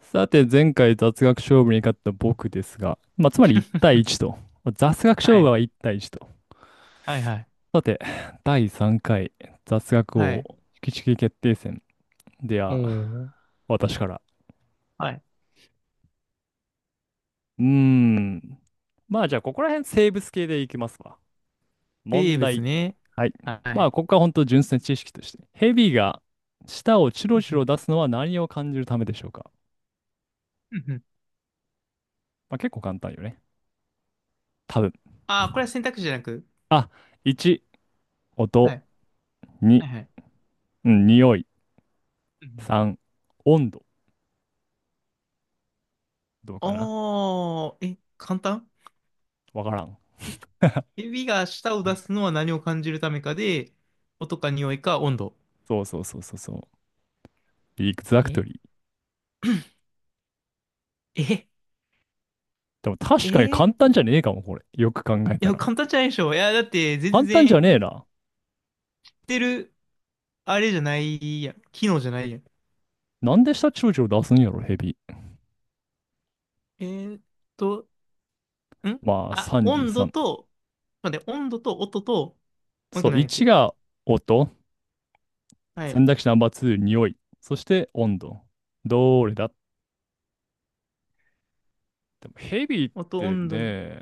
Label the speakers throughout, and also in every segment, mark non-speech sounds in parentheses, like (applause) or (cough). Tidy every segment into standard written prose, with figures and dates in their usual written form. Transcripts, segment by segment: Speaker 1: さて、前回雑学勝負に勝った僕ですが、まあ、つまり1対1と。まあ雑学勝
Speaker 2: は
Speaker 1: 負
Speaker 2: い。
Speaker 1: は1対1と。
Speaker 2: はいはい。
Speaker 1: さて、第3回雑学
Speaker 2: は
Speaker 1: 王
Speaker 2: い。
Speaker 1: 引きちき決定戦で
Speaker 2: お
Speaker 1: は、
Speaker 2: ー。
Speaker 1: 私から。
Speaker 2: はい。
Speaker 1: うーん。まあ、じゃあ、ここら辺生物系でいきますわ。問
Speaker 2: 生物
Speaker 1: 題。
Speaker 2: ね。
Speaker 1: はい。
Speaker 2: は
Speaker 1: まあ、
Speaker 2: い。
Speaker 1: ここは本当純粋な知識として、ヘビが舌をチ
Speaker 2: (laughs) う
Speaker 1: ロ
Speaker 2: ん
Speaker 1: チ
Speaker 2: う
Speaker 1: ロ
Speaker 2: ん。
Speaker 1: 出すのは何を感じるためでしょうか？
Speaker 2: うんうん。
Speaker 1: まあ、結構簡単よね。多分。
Speaker 2: ああ、これは選択肢じゃなく。
Speaker 1: あ、1、
Speaker 2: は
Speaker 1: 音。
Speaker 2: い。は
Speaker 1: 2、
Speaker 2: いはい。
Speaker 1: うん、匂い。
Speaker 2: うんうん。
Speaker 1: 3、温度。どうかな？
Speaker 2: おー、え、簡単。
Speaker 1: わからん。
Speaker 2: え、指が舌を出すのは何を感じるためかで、音か匂いか温度。
Speaker 1: そうそうそうそうそう。エグザクト
Speaker 2: え、
Speaker 1: リー。
Speaker 2: え、
Speaker 1: でも確かに
Speaker 2: え、
Speaker 1: 簡単じゃねえかも、これ。よく考え
Speaker 2: い
Speaker 1: た
Speaker 2: や、
Speaker 1: ら。
Speaker 2: 簡単じゃないでしょ。いや、だって全
Speaker 1: 簡
Speaker 2: 然、
Speaker 1: 単じ
Speaker 2: 言っ
Speaker 1: ゃねえな。
Speaker 2: てる、あれじゃないやん。機能じゃないやん。
Speaker 1: なんで下長チを出すんやろ、ヘビ。
Speaker 2: えーっと、ん
Speaker 1: まあ、
Speaker 2: あ、温度
Speaker 1: 33。
Speaker 2: と、待って、温度と音と、もう一
Speaker 1: そ
Speaker 2: 個
Speaker 1: う、
Speaker 2: 何やっ
Speaker 1: 1
Speaker 2: け。
Speaker 1: が音。
Speaker 2: は
Speaker 1: 選
Speaker 2: い。
Speaker 1: 択肢ナンバー2、匂い。そして温度。どれだ？でもヘビっ
Speaker 2: 音、
Speaker 1: て
Speaker 2: 温度に。
Speaker 1: ね、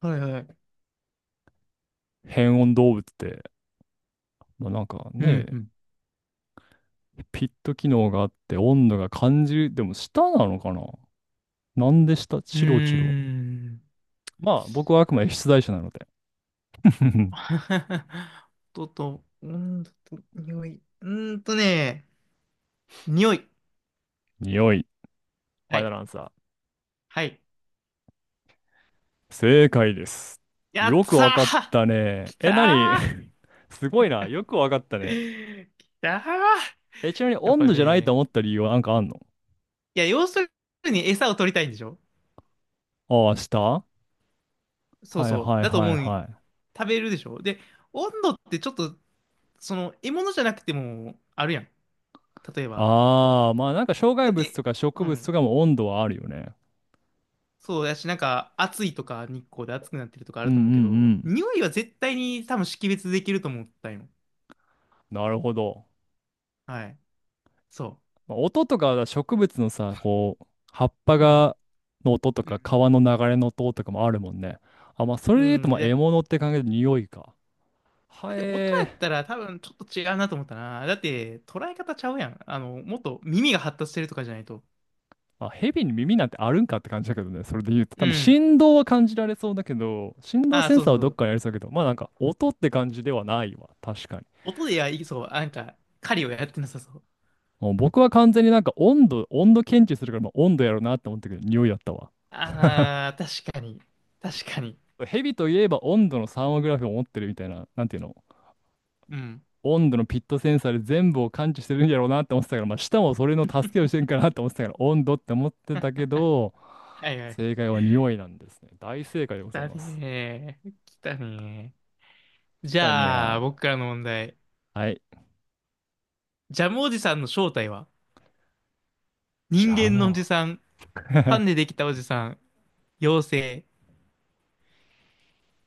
Speaker 2: はいはい。
Speaker 1: 変温動物って、まあ、なんか
Speaker 2: うん、
Speaker 1: ね、
Speaker 2: うん。
Speaker 1: ピット機能があって温度が感じる。でも下なのかな？なんで下、
Speaker 2: うー
Speaker 1: チロチロ。
Speaker 2: ん。
Speaker 1: まあ、僕はあくまで出題者なので。(laughs)
Speaker 2: (laughs) 音と、温度と、匂い。匂い。
Speaker 1: 匂い。フ
Speaker 2: は
Speaker 1: ァイナ
Speaker 2: い。
Speaker 1: ルアンサ
Speaker 2: はい。
Speaker 1: ー。正解です。
Speaker 2: やっ
Speaker 1: よく
Speaker 2: た
Speaker 1: わかっ
Speaker 2: ー。
Speaker 1: たね。
Speaker 2: き
Speaker 1: え、なに？
Speaker 2: た
Speaker 1: (laughs) すごいな。よくわかったね。
Speaker 2: ー。きたー。
Speaker 1: え、ちなみに
Speaker 2: やっ
Speaker 1: 温
Speaker 2: ぱ
Speaker 1: 度じゃないと
Speaker 2: ね、
Speaker 1: 思った理由はなんかあんの？
Speaker 2: いや、要するに餌を取りたいんでしょ。
Speaker 1: ああ、下はい
Speaker 2: そう
Speaker 1: は
Speaker 2: そう。
Speaker 1: い
Speaker 2: だと
Speaker 1: は
Speaker 2: 思
Speaker 1: い
Speaker 2: う。
Speaker 1: はい。
Speaker 2: 食べるでしょ。で、温度ってちょっとその、獲物じゃなくても、あるやん。例えば。
Speaker 1: ああ、まあなんか障害
Speaker 2: だっ
Speaker 1: 物
Speaker 2: て、
Speaker 1: とか植
Speaker 2: う
Speaker 1: 物と
Speaker 2: ん。
Speaker 1: かも温度はあるよね。
Speaker 2: そうやし、なんか、暑いとか、日光で暑くなってるとかあ
Speaker 1: うん
Speaker 2: る
Speaker 1: う
Speaker 2: と思うけ
Speaker 1: ん
Speaker 2: ど、
Speaker 1: うん。
Speaker 2: 匂いは絶対に多分識別できると思ったんよ。
Speaker 1: なるほど。
Speaker 2: はい。そ
Speaker 1: まあ音とか植物のさ、こう、葉っぱ
Speaker 2: う。うん。
Speaker 1: が、の音と
Speaker 2: う
Speaker 1: か、
Speaker 2: ん。
Speaker 1: 川の流れの音とかもあるもんね。あ、まあ、そ
Speaker 2: う
Speaker 1: れで言うと、
Speaker 2: ん。
Speaker 1: まあ、獲
Speaker 2: で、
Speaker 1: 物って感じで匂いか。
Speaker 2: だ
Speaker 1: は
Speaker 2: って音や
Speaker 1: え
Speaker 2: っ
Speaker 1: ー。
Speaker 2: たら多分ちょっと違うなと思ったな。だって、捉え方ちゃうやん。あの、もっと耳が発達してるとかじゃないと。
Speaker 1: まあ、蛇に耳なんてあるんかって感じだけどね。それで言うと、
Speaker 2: う
Speaker 1: 多分
Speaker 2: ん。
Speaker 1: 振動は感じられそうだけど、振動
Speaker 2: ああ、
Speaker 1: セン
Speaker 2: そう
Speaker 1: サ
Speaker 2: そ
Speaker 1: ー
Speaker 2: う
Speaker 1: は
Speaker 2: そ
Speaker 1: どっ
Speaker 2: う。
Speaker 1: かにありそうだけど、まあなんか音って感じではないわ。確かに。
Speaker 2: 音でや、いそう。なんか、狩りをやってなさそう。
Speaker 1: もう僕は完全になんか温度、温度検知するから、まあ、温度やろうなって思ったけど、匂いだったわ。
Speaker 2: ああ、確かに。確かに。
Speaker 1: 蛇といえば温度のサーモグラフィーを持ってるみたいな、なんていうの？
Speaker 2: うん。
Speaker 1: 温度のピットセンサーで全部を感知してるんやろうなって思ってたから、まあ、舌もそれの助けをしてんかなって思ってたから、温度って思ってたけど、
Speaker 2: はいはい。
Speaker 1: 正解は匂いなんですね。大正解でご
Speaker 2: 来
Speaker 1: ざい
Speaker 2: た
Speaker 1: ます。
Speaker 2: ねー。来たねー。
Speaker 1: き
Speaker 2: じ
Speaker 1: たに
Speaker 2: ゃ
Speaker 1: ゃ
Speaker 2: あ、僕からの問題。
Speaker 1: ー。はい。
Speaker 2: ジャムおじさんの正体は、
Speaker 1: じ
Speaker 2: 人
Speaker 1: ゃあ
Speaker 2: 間のお
Speaker 1: も
Speaker 2: じさん、
Speaker 1: う。
Speaker 2: パン
Speaker 1: (laughs)
Speaker 2: でできたおじさん、妖精。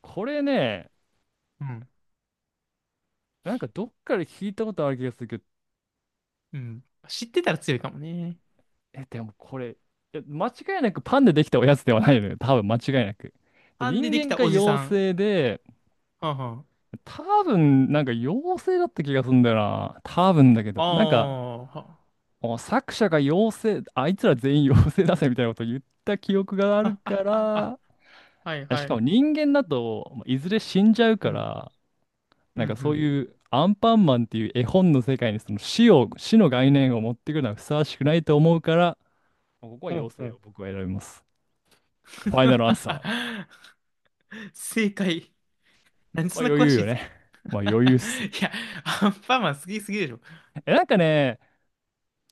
Speaker 1: これね、
Speaker 2: うん。
Speaker 1: なんかどっかで聞いたことある気がするけど、
Speaker 2: うん。知ってたら強いかもね。
Speaker 1: え、でもこれ、いや間違いなくパンでできたおやつではないのよ。多分間違いなく。で
Speaker 2: パンで
Speaker 1: 人
Speaker 2: でき
Speaker 1: 間
Speaker 2: た
Speaker 1: か
Speaker 2: おじ
Speaker 1: 妖
Speaker 2: さん。
Speaker 1: 精で、
Speaker 2: はんはん。
Speaker 1: 多分なんか妖精だった気がするんだよな。多分だけ
Speaker 2: あ
Speaker 1: ど。なんか、
Speaker 2: あ、は、は、
Speaker 1: お作者が妖精、あいつら全員妖精だぜみたいなことを言った記憶がある
Speaker 2: はあ、
Speaker 1: か
Speaker 2: はあ、は、
Speaker 1: ら、
Speaker 2: はい
Speaker 1: あし
Speaker 2: は
Speaker 1: か
Speaker 2: い。
Speaker 1: も人間だとまあいずれ死んじゃう
Speaker 2: う
Speaker 1: か
Speaker 2: ん。
Speaker 1: ら、
Speaker 2: う
Speaker 1: な
Speaker 2: ん、う
Speaker 1: んかそう
Speaker 2: ん。
Speaker 1: いうアンパンマンっていう絵本の世界にその死を、死の概念を持ってくるのはふさわしくないと思うから、まあここは
Speaker 2: ほうほ
Speaker 1: 妖精を
Speaker 2: う。
Speaker 1: 僕は選びます。ファイナルアンサー。
Speaker 2: (laughs) 正解。なんで
Speaker 1: ま
Speaker 2: そ
Speaker 1: あ
Speaker 2: んな
Speaker 1: 余
Speaker 2: 詳
Speaker 1: 裕
Speaker 2: しいん
Speaker 1: よ
Speaker 2: です
Speaker 1: ね。
Speaker 2: か？
Speaker 1: (laughs) まあ
Speaker 2: (laughs)
Speaker 1: 余裕っす。
Speaker 2: いや、アンパンマン好きすぎでしょ。
Speaker 1: え、なんかね、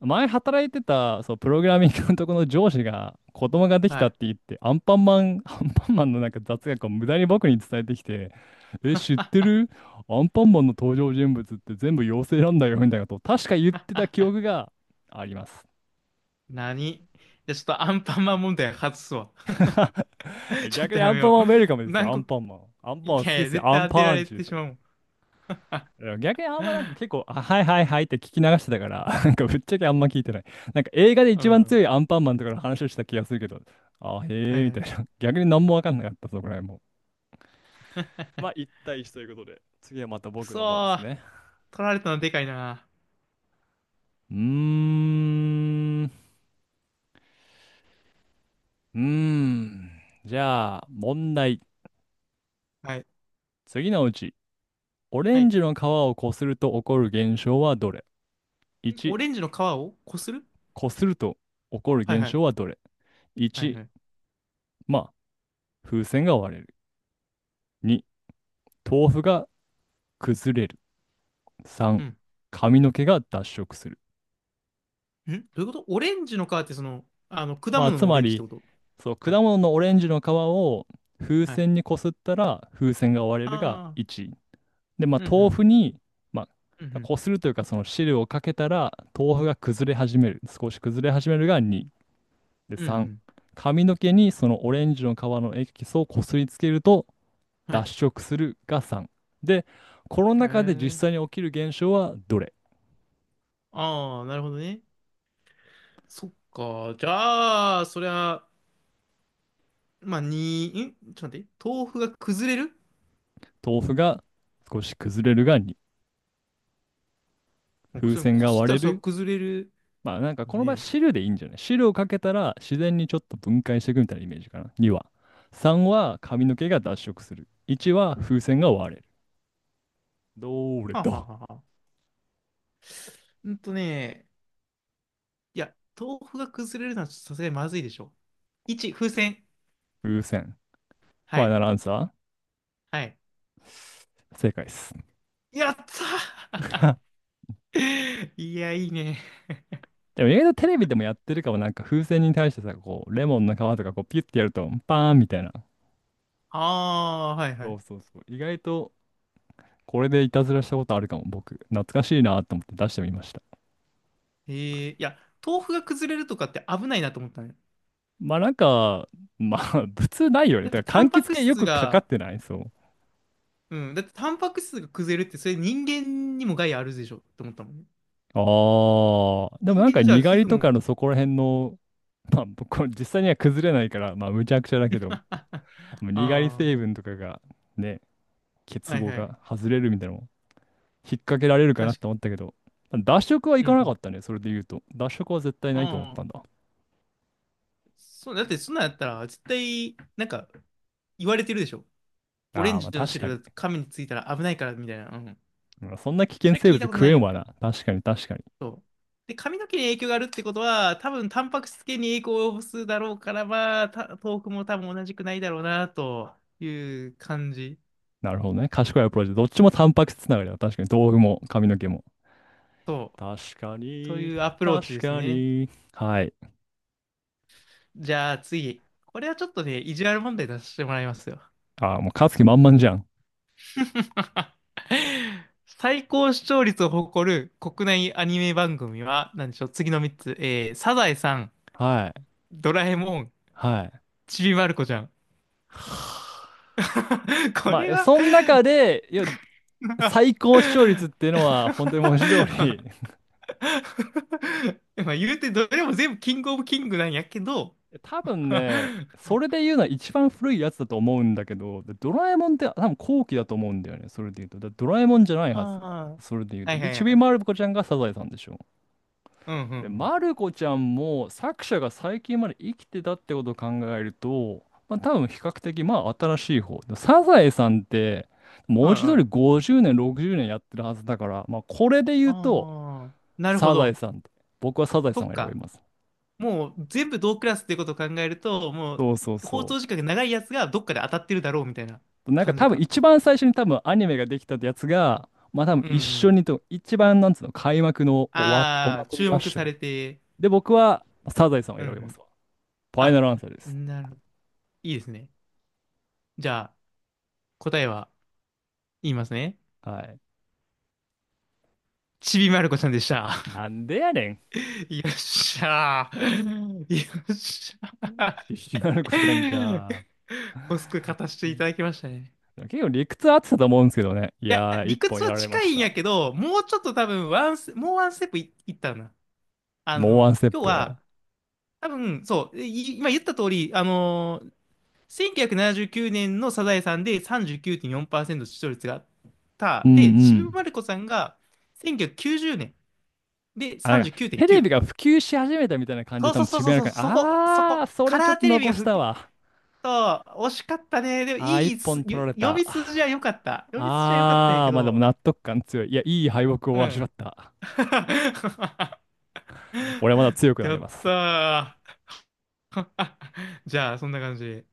Speaker 1: 前働いてた、そう、プログラミングのとこの上司が子供ができ
Speaker 2: は
Speaker 1: たっ
Speaker 2: い。
Speaker 1: て言って、アンパンマン、(laughs) アンパンマンのなんか雑学を無駄に僕に伝えてきて、え、知ってる？アンパンマンの登場人物って全部妖精なんだよ、みたいなことを確か言ってた記憶があります。
Speaker 2: 何で、ちょっとアンパンマン問題外すわ。
Speaker 1: (laughs)
Speaker 2: (laughs) ちょっ
Speaker 1: 逆
Speaker 2: と
Speaker 1: に
Speaker 2: や
Speaker 1: ア
Speaker 2: め
Speaker 1: ンパン
Speaker 2: よ
Speaker 1: マンウェルカム
Speaker 2: う。
Speaker 1: ですよ、
Speaker 2: 何
Speaker 1: ア
Speaker 2: 個、
Speaker 1: ンパンマン。アンパン
Speaker 2: い
Speaker 1: マン好き
Speaker 2: やい
Speaker 1: で
Speaker 2: や、
Speaker 1: すよ、
Speaker 2: 絶
Speaker 1: アン
Speaker 2: 対当てら
Speaker 1: パン
Speaker 2: れ
Speaker 1: チで
Speaker 2: て
Speaker 1: す
Speaker 2: し
Speaker 1: よ。
Speaker 2: まうもん。
Speaker 1: いや逆にあんまなんか結構、あ、はいはいはいって聞き流してたから、(laughs) なんかぶっちゃけあんま聞いてない。なんか映画で
Speaker 2: う
Speaker 1: 一番強
Speaker 2: ん。
Speaker 1: いアンパンマンとかの話をした気がするけど、あ、
Speaker 2: は
Speaker 1: へえ、
Speaker 2: い
Speaker 1: み
Speaker 2: は
Speaker 1: たい
Speaker 2: い。
Speaker 1: な。(laughs) 逆に何もわかんなかった、そこら辺も。まあ、一対一ということで、次はまた
Speaker 2: く
Speaker 1: 僕
Speaker 2: そ
Speaker 1: の番です
Speaker 2: ー。
Speaker 1: ね。
Speaker 2: 取られたのでかいな。
Speaker 1: うーん。じゃあ、問題。
Speaker 2: はい。
Speaker 1: 次のうち、オレ
Speaker 2: は
Speaker 1: ン
Speaker 2: い。
Speaker 1: ジの皮をこすると起こる現象はどれ？
Speaker 2: オ
Speaker 1: 1、
Speaker 2: レンジの皮をこする。
Speaker 1: こすると起こる
Speaker 2: はいは
Speaker 1: 現象
Speaker 2: い。
Speaker 1: はどれ？
Speaker 2: はいは
Speaker 1: 1、
Speaker 2: い。
Speaker 1: まあ、風船が割れる。に、豆腐が崩れる。
Speaker 2: う
Speaker 1: 3、
Speaker 2: ん。
Speaker 1: 髪の毛が脱色する。
Speaker 2: ん、どういうこと？オレンジの皮ってその、あの、果
Speaker 1: まあ、
Speaker 2: 物
Speaker 1: つ
Speaker 2: のオ
Speaker 1: ま
Speaker 2: レンジって
Speaker 1: り、
Speaker 2: こと？
Speaker 1: そう、果
Speaker 2: はい。
Speaker 1: 物のオレンジの皮を風
Speaker 2: はい。
Speaker 1: 船にこすったら風船が割れるが
Speaker 2: ああ。
Speaker 1: 1。で、ま
Speaker 2: うんう
Speaker 1: あ、豆
Speaker 2: ん。
Speaker 1: 腐に、ま
Speaker 2: うんう
Speaker 1: あ、
Speaker 2: ん。
Speaker 1: こするというか、その汁をかけたら豆腐が崩れ始める。少し崩れ始めるが2。で、
Speaker 2: うんう
Speaker 1: 3、
Speaker 2: ん。
Speaker 1: 髪の毛にそのオレンジの皮のエキスをこすりつけると
Speaker 2: は
Speaker 1: 脱
Speaker 2: い。
Speaker 1: 色するが3。で、この
Speaker 2: え
Speaker 1: 中で実
Speaker 2: ー。
Speaker 1: 際に起きる現象はどれ？
Speaker 2: ああ、なるほどね。そっか。じゃあ、そりゃ、まあ、に、ちょっと待って、豆腐が崩れる？
Speaker 1: 豆腐が少し崩れるがに、
Speaker 2: もう
Speaker 1: 風
Speaker 2: それ
Speaker 1: 船
Speaker 2: こ
Speaker 1: が
Speaker 2: すっ
Speaker 1: 割
Speaker 2: た
Speaker 1: れ
Speaker 2: らそれ
Speaker 1: る。
Speaker 2: 崩れる
Speaker 1: まあなんか
Speaker 2: の
Speaker 1: この場合
Speaker 2: ね。
Speaker 1: 汁でいいんじゃない、汁をかけたら自然にちょっと分解していくみたいなイメージかな。2は。3は髪の毛が脱色する。1は風船が割れる。どれ
Speaker 2: はあ、はあ
Speaker 1: だ？
Speaker 2: はあはあ、うんとね、いや、豆腐が崩れるのはちょっとさすがにまずいでしょ。1、風船。
Speaker 1: 風船。フ
Speaker 2: は
Speaker 1: ァイ
Speaker 2: い。
Speaker 1: ナルアンサ
Speaker 2: はい。
Speaker 1: ー。正解です。
Speaker 2: やった
Speaker 1: (laughs)
Speaker 2: ー。 (laughs) いや、いいね。
Speaker 1: でも意外とテレビでもやってるかも、なんか風船に対してさ、こうレモンの皮とかこうピュッてやるとパーンみたいな。
Speaker 2: ああ、はいは
Speaker 1: そ
Speaker 2: い。
Speaker 1: うそうそう。意外とこれでいたずらしたことあるかも僕。懐かしいなと思って出してみました。
Speaker 2: えー、いや、豆腐が崩れるとかって危ないなと思ったね。
Speaker 1: まあなんか、まあ (laughs) 普通ないよね。
Speaker 2: だって、
Speaker 1: だか
Speaker 2: タ
Speaker 1: ら柑
Speaker 2: ンパ
Speaker 1: 橘
Speaker 2: ク
Speaker 1: 系よ
Speaker 2: 質
Speaker 1: くかか
Speaker 2: が、
Speaker 1: ってないそう。
Speaker 2: うん、だって、タンパク質が崩れるって、それ人間にも害あるでしょって思ったもんね。
Speaker 1: ああ、でも
Speaker 2: 人
Speaker 1: なん
Speaker 2: 間
Speaker 1: か
Speaker 2: のじゃあ
Speaker 1: にが
Speaker 2: 皮
Speaker 1: り
Speaker 2: 膚
Speaker 1: とか
Speaker 2: も。
Speaker 1: のそこら辺の、(laughs) まあこれ実際には崩れないから、まあむちゃくちゃだけど、
Speaker 2: あ。
Speaker 1: もうにがり
Speaker 2: (laughs) あ
Speaker 1: 成分とかがね、
Speaker 2: ー、
Speaker 1: 結
Speaker 2: はい
Speaker 1: 合
Speaker 2: はい。
Speaker 1: が外れるみたいなのも引っ掛けられるかな
Speaker 2: 確
Speaker 1: と
Speaker 2: かに。
Speaker 1: 思ったけど、脱色はい
Speaker 2: うんう
Speaker 1: かなか
Speaker 2: ん。
Speaker 1: ったね、それで言うと。脱色は絶対な
Speaker 2: あ
Speaker 1: いと思っ
Speaker 2: あ、
Speaker 1: たんだ。
Speaker 2: そう、だってそんなんやったら、絶対、なんか、言われてるでしょ。オレ
Speaker 1: あ
Speaker 2: ン
Speaker 1: あ、ま
Speaker 2: ジ
Speaker 1: あ
Speaker 2: の
Speaker 1: 確かに。
Speaker 2: 汁、髪についたら危ないから、みたいな。うん。
Speaker 1: まあそんな危
Speaker 2: そ
Speaker 1: 険
Speaker 2: れは
Speaker 1: 生
Speaker 2: 聞い
Speaker 1: 物
Speaker 2: たこと
Speaker 1: 食
Speaker 2: な
Speaker 1: え
Speaker 2: い
Speaker 1: ん
Speaker 2: よ。
Speaker 1: わな。確かに確かに。
Speaker 2: そう。で、髪の毛に影響があるってことは、多分、タンパク質系に影響を及ぼすだろうから、まあ、豆腐も多分同じくないだろうな、という感じ。
Speaker 1: なるほどね。賢いアプローチ。どっちもタンパク質つながりだ。確かに。豆腐も髪の毛も。
Speaker 2: そう。
Speaker 1: 確か
Speaker 2: と
Speaker 1: に、
Speaker 2: いうアプローチ
Speaker 1: 確
Speaker 2: です
Speaker 1: か
Speaker 2: ね。
Speaker 1: に。はい。
Speaker 2: じゃあ、次。これはちょっとね、意地悪問題出してもらいますよ。
Speaker 1: あ、もう勝つ気満々じゃん。
Speaker 2: (laughs) 最高視聴率を誇る国内アニメ番組は、何でしょう、次の3つ。えー、サザエさん、
Speaker 1: はい。
Speaker 2: ドラえもん、
Speaker 1: はい。
Speaker 2: ちびまる子ちゃん。
Speaker 1: はあ、
Speaker 2: (laughs) こ
Speaker 1: ま
Speaker 2: れ
Speaker 1: あ、
Speaker 2: は。
Speaker 1: その中で、いや、
Speaker 2: (laughs) ま
Speaker 1: 最高視聴率っていうのは、本当に文字通り
Speaker 2: あ言うてどれも全部キングオブキングなんやけど。
Speaker 1: (laughs) 多
Speaker 2: (laughs)
Speaker 1: 分
Speaker 2: あ
Speaker 1: ね、それで言うのは一番古いやつだと思うんだけど、でドラえもんって多分後期だと思うんだよね、それで言うと。だドラえもんじゃない
Speaker 2: あ、
Speaker 1: はず、それで言う
Speaker 2: は
Speaker 1: と。
Speaker 2: いは
Speaker 1: で、
Speaker 2: い
Speaker 1: ち
Speaker 2: は
Speaker 1: び
Speaker 2: い。
Speaker 1: まる子ちゃんがサザエさんでしょ。
Speaker 2: うんうんう
Speaker 1: で、
Speaker 2: ん。
Speaker 1: マルコちゃんも作者が最近まで生きてたってことを考えると、まあ多分比較的まあ新しい方。でサザエさんって文
Speaker 2: はい
Speaker 1: 字通
Speaker 2: は
Speaker 1: り
Speaker 2: い。
Speaker 1: 50年、60年やってるはずだから、まあこれで言うと
Speaker 2: ああ、なるほ
Speaker 1: サザエ
Speaker 2: ど。
Speaker 1: さんって。僕はサザエ
Speaker 2: そ
Speaker 1: さん
Speaker 2: っ
Speaker 1: を選び
Speaker 2: か。
Speaker 1: ます。
Speaker 2: もう全部同クラスっていうことを考えると、もう
Speaker 1: そうそう
Speaker 2: 放
Speaker 1: そ
Speaker 2: 送時間が長いやつがどっかで当たってるだろうみたいな
Speaker 1: う。なんか
Speaker 2: 感じ
Speaker 1: 多分
Speaker 2: か。
Speaker 1: 一番最初に多分アニメができたってやつが、まあ多分
Speaker 2: うんう
Speaker 1: 一緒
Speaker 2: ん。
Speaker 1: にと、一番なんつうの、開幕のおわ、お
Speaker 2: ああ、
Speaker 1: 祭り
Speaker 2: 注
Speaker 1: は一
Speaker 2: 目
Speaker 1: 緒
Speaker 2: さ
Speaker 1: に。
Speaker 2: れて。
Speaker 1: で、僕はサザエさんを
Speaker 2: うんう
Speaker 1: 選びます
Speaker 2: ん。
Speaker 1: わ。ファイナ
Speaker 2: あ、
Speaker 1: ルアンサーです。
Speaker 2: なるほど。いいですね。じゃあ、答えは言いますね。
Speaker 1: はい。
Speaker 2: ちびまる子ちゃんでした。
Speaker 1: なんでやねん。
Speaker 2: (laughs) よっしゃー。(laughs) よっしゃ
Speaker 1: ひきまる子ちゃん
Speaker 2: ー。
Speaker 1: か。
Speaker 2: おすく勝たせ
Speaker 1: う
Speaker 2: ていた
Speaker 1: ん、
Speaker 2: だきましたね。
Speaker 1: 結構理屈合ってたと思うんですけどね。い
Speaker 2: いや、
Speaker 1: やー、一
Speaker 2: 理
Speaker 1: 本
Speaker 2: 屈
Speaker 1: や
Speaker 2: は
Speaker 1: られま
Speaker 2: 近
Speaker 1: し
Speaker 2: いん
Speaker 1: た。
Speaker 2: やけど、もうちょっと多分ワンス、もうワンステップ、いったな。あ
Speaker 1: もうワン
Speaker 2: の、
Speaker 1: ステッ
Speaker 2: 今日
Speaker 1: プ。
Speaker 2: は、多分、そう、い今言った通り、あのー1979年のサザエさんで39.4%視聴率があっ
Speaker 1: う
Speaker 2: た。
Speaker 1: ん
Speaker 2: で、
Speaker 1: う
Speaker 2: ちび
Speaker 1: ん。
Speaker 2: まる子さんが1990年で
Speaker 1: あ、なんか、テレビ
Speaker 2: 39.9。
Speaker 1: が普及し始めたみたいな感じで
Speaker 2: そう
Speaker 1: 多
Speaker 2: そう
Speaker 1: 分
Speaker 2: そう
Speaker 1: ちび
Speaker 2: そう
Speaker 1: まる
Speaker 2: そう、
Speaker 1: 子ちゃ
Speaker 2: そこ、そ
Speaker 1: ん。あー、
Speaker 2: こ。
Speaker 1: そ
Speaker 2: カ
Speaker 1: れちょ
Speaker 2: ラ
Speaker 1: っ
Speaker 2: ー
Speaker 1: と
Speaker 2: テレビ
Speaker 1: 残
Speaker 2: が
Speaker 1: し
Speaker 2: 復
Speaker 1: た
Speaker 2: 旧。
Speaker 1: わ。
Speaker 2: そう、惜しかったね。でも、
Speaker 1: あー、
Speaker 2: い
Speaker 1: 一
Speaker 2: いす、よ、
Speaker 1: 本取られ
Speaker 2: 読
Speaker 1: た。
Speaker 2: み筋は良かった。読み筋は良かったんや
Speaker 1: あ
Speaker 2: け
Speaker 1: ー、まあでも
Speaker 2: ど、
Speaker 1: 納得感強い。いや、いい敗北
Speaker 2: う
Speaker 1: を味
Speaker 2: ん。
Speaker 1: わった。
Speaker 2: (laughs)
Speaker 1: 俺まだ強くな
Speaker 2: や
Speaker 1: れ
Speaker 2: っ
Speaker 1: ます。
Speaker 2: たー。(laughs) じゃあ、そんな感じ。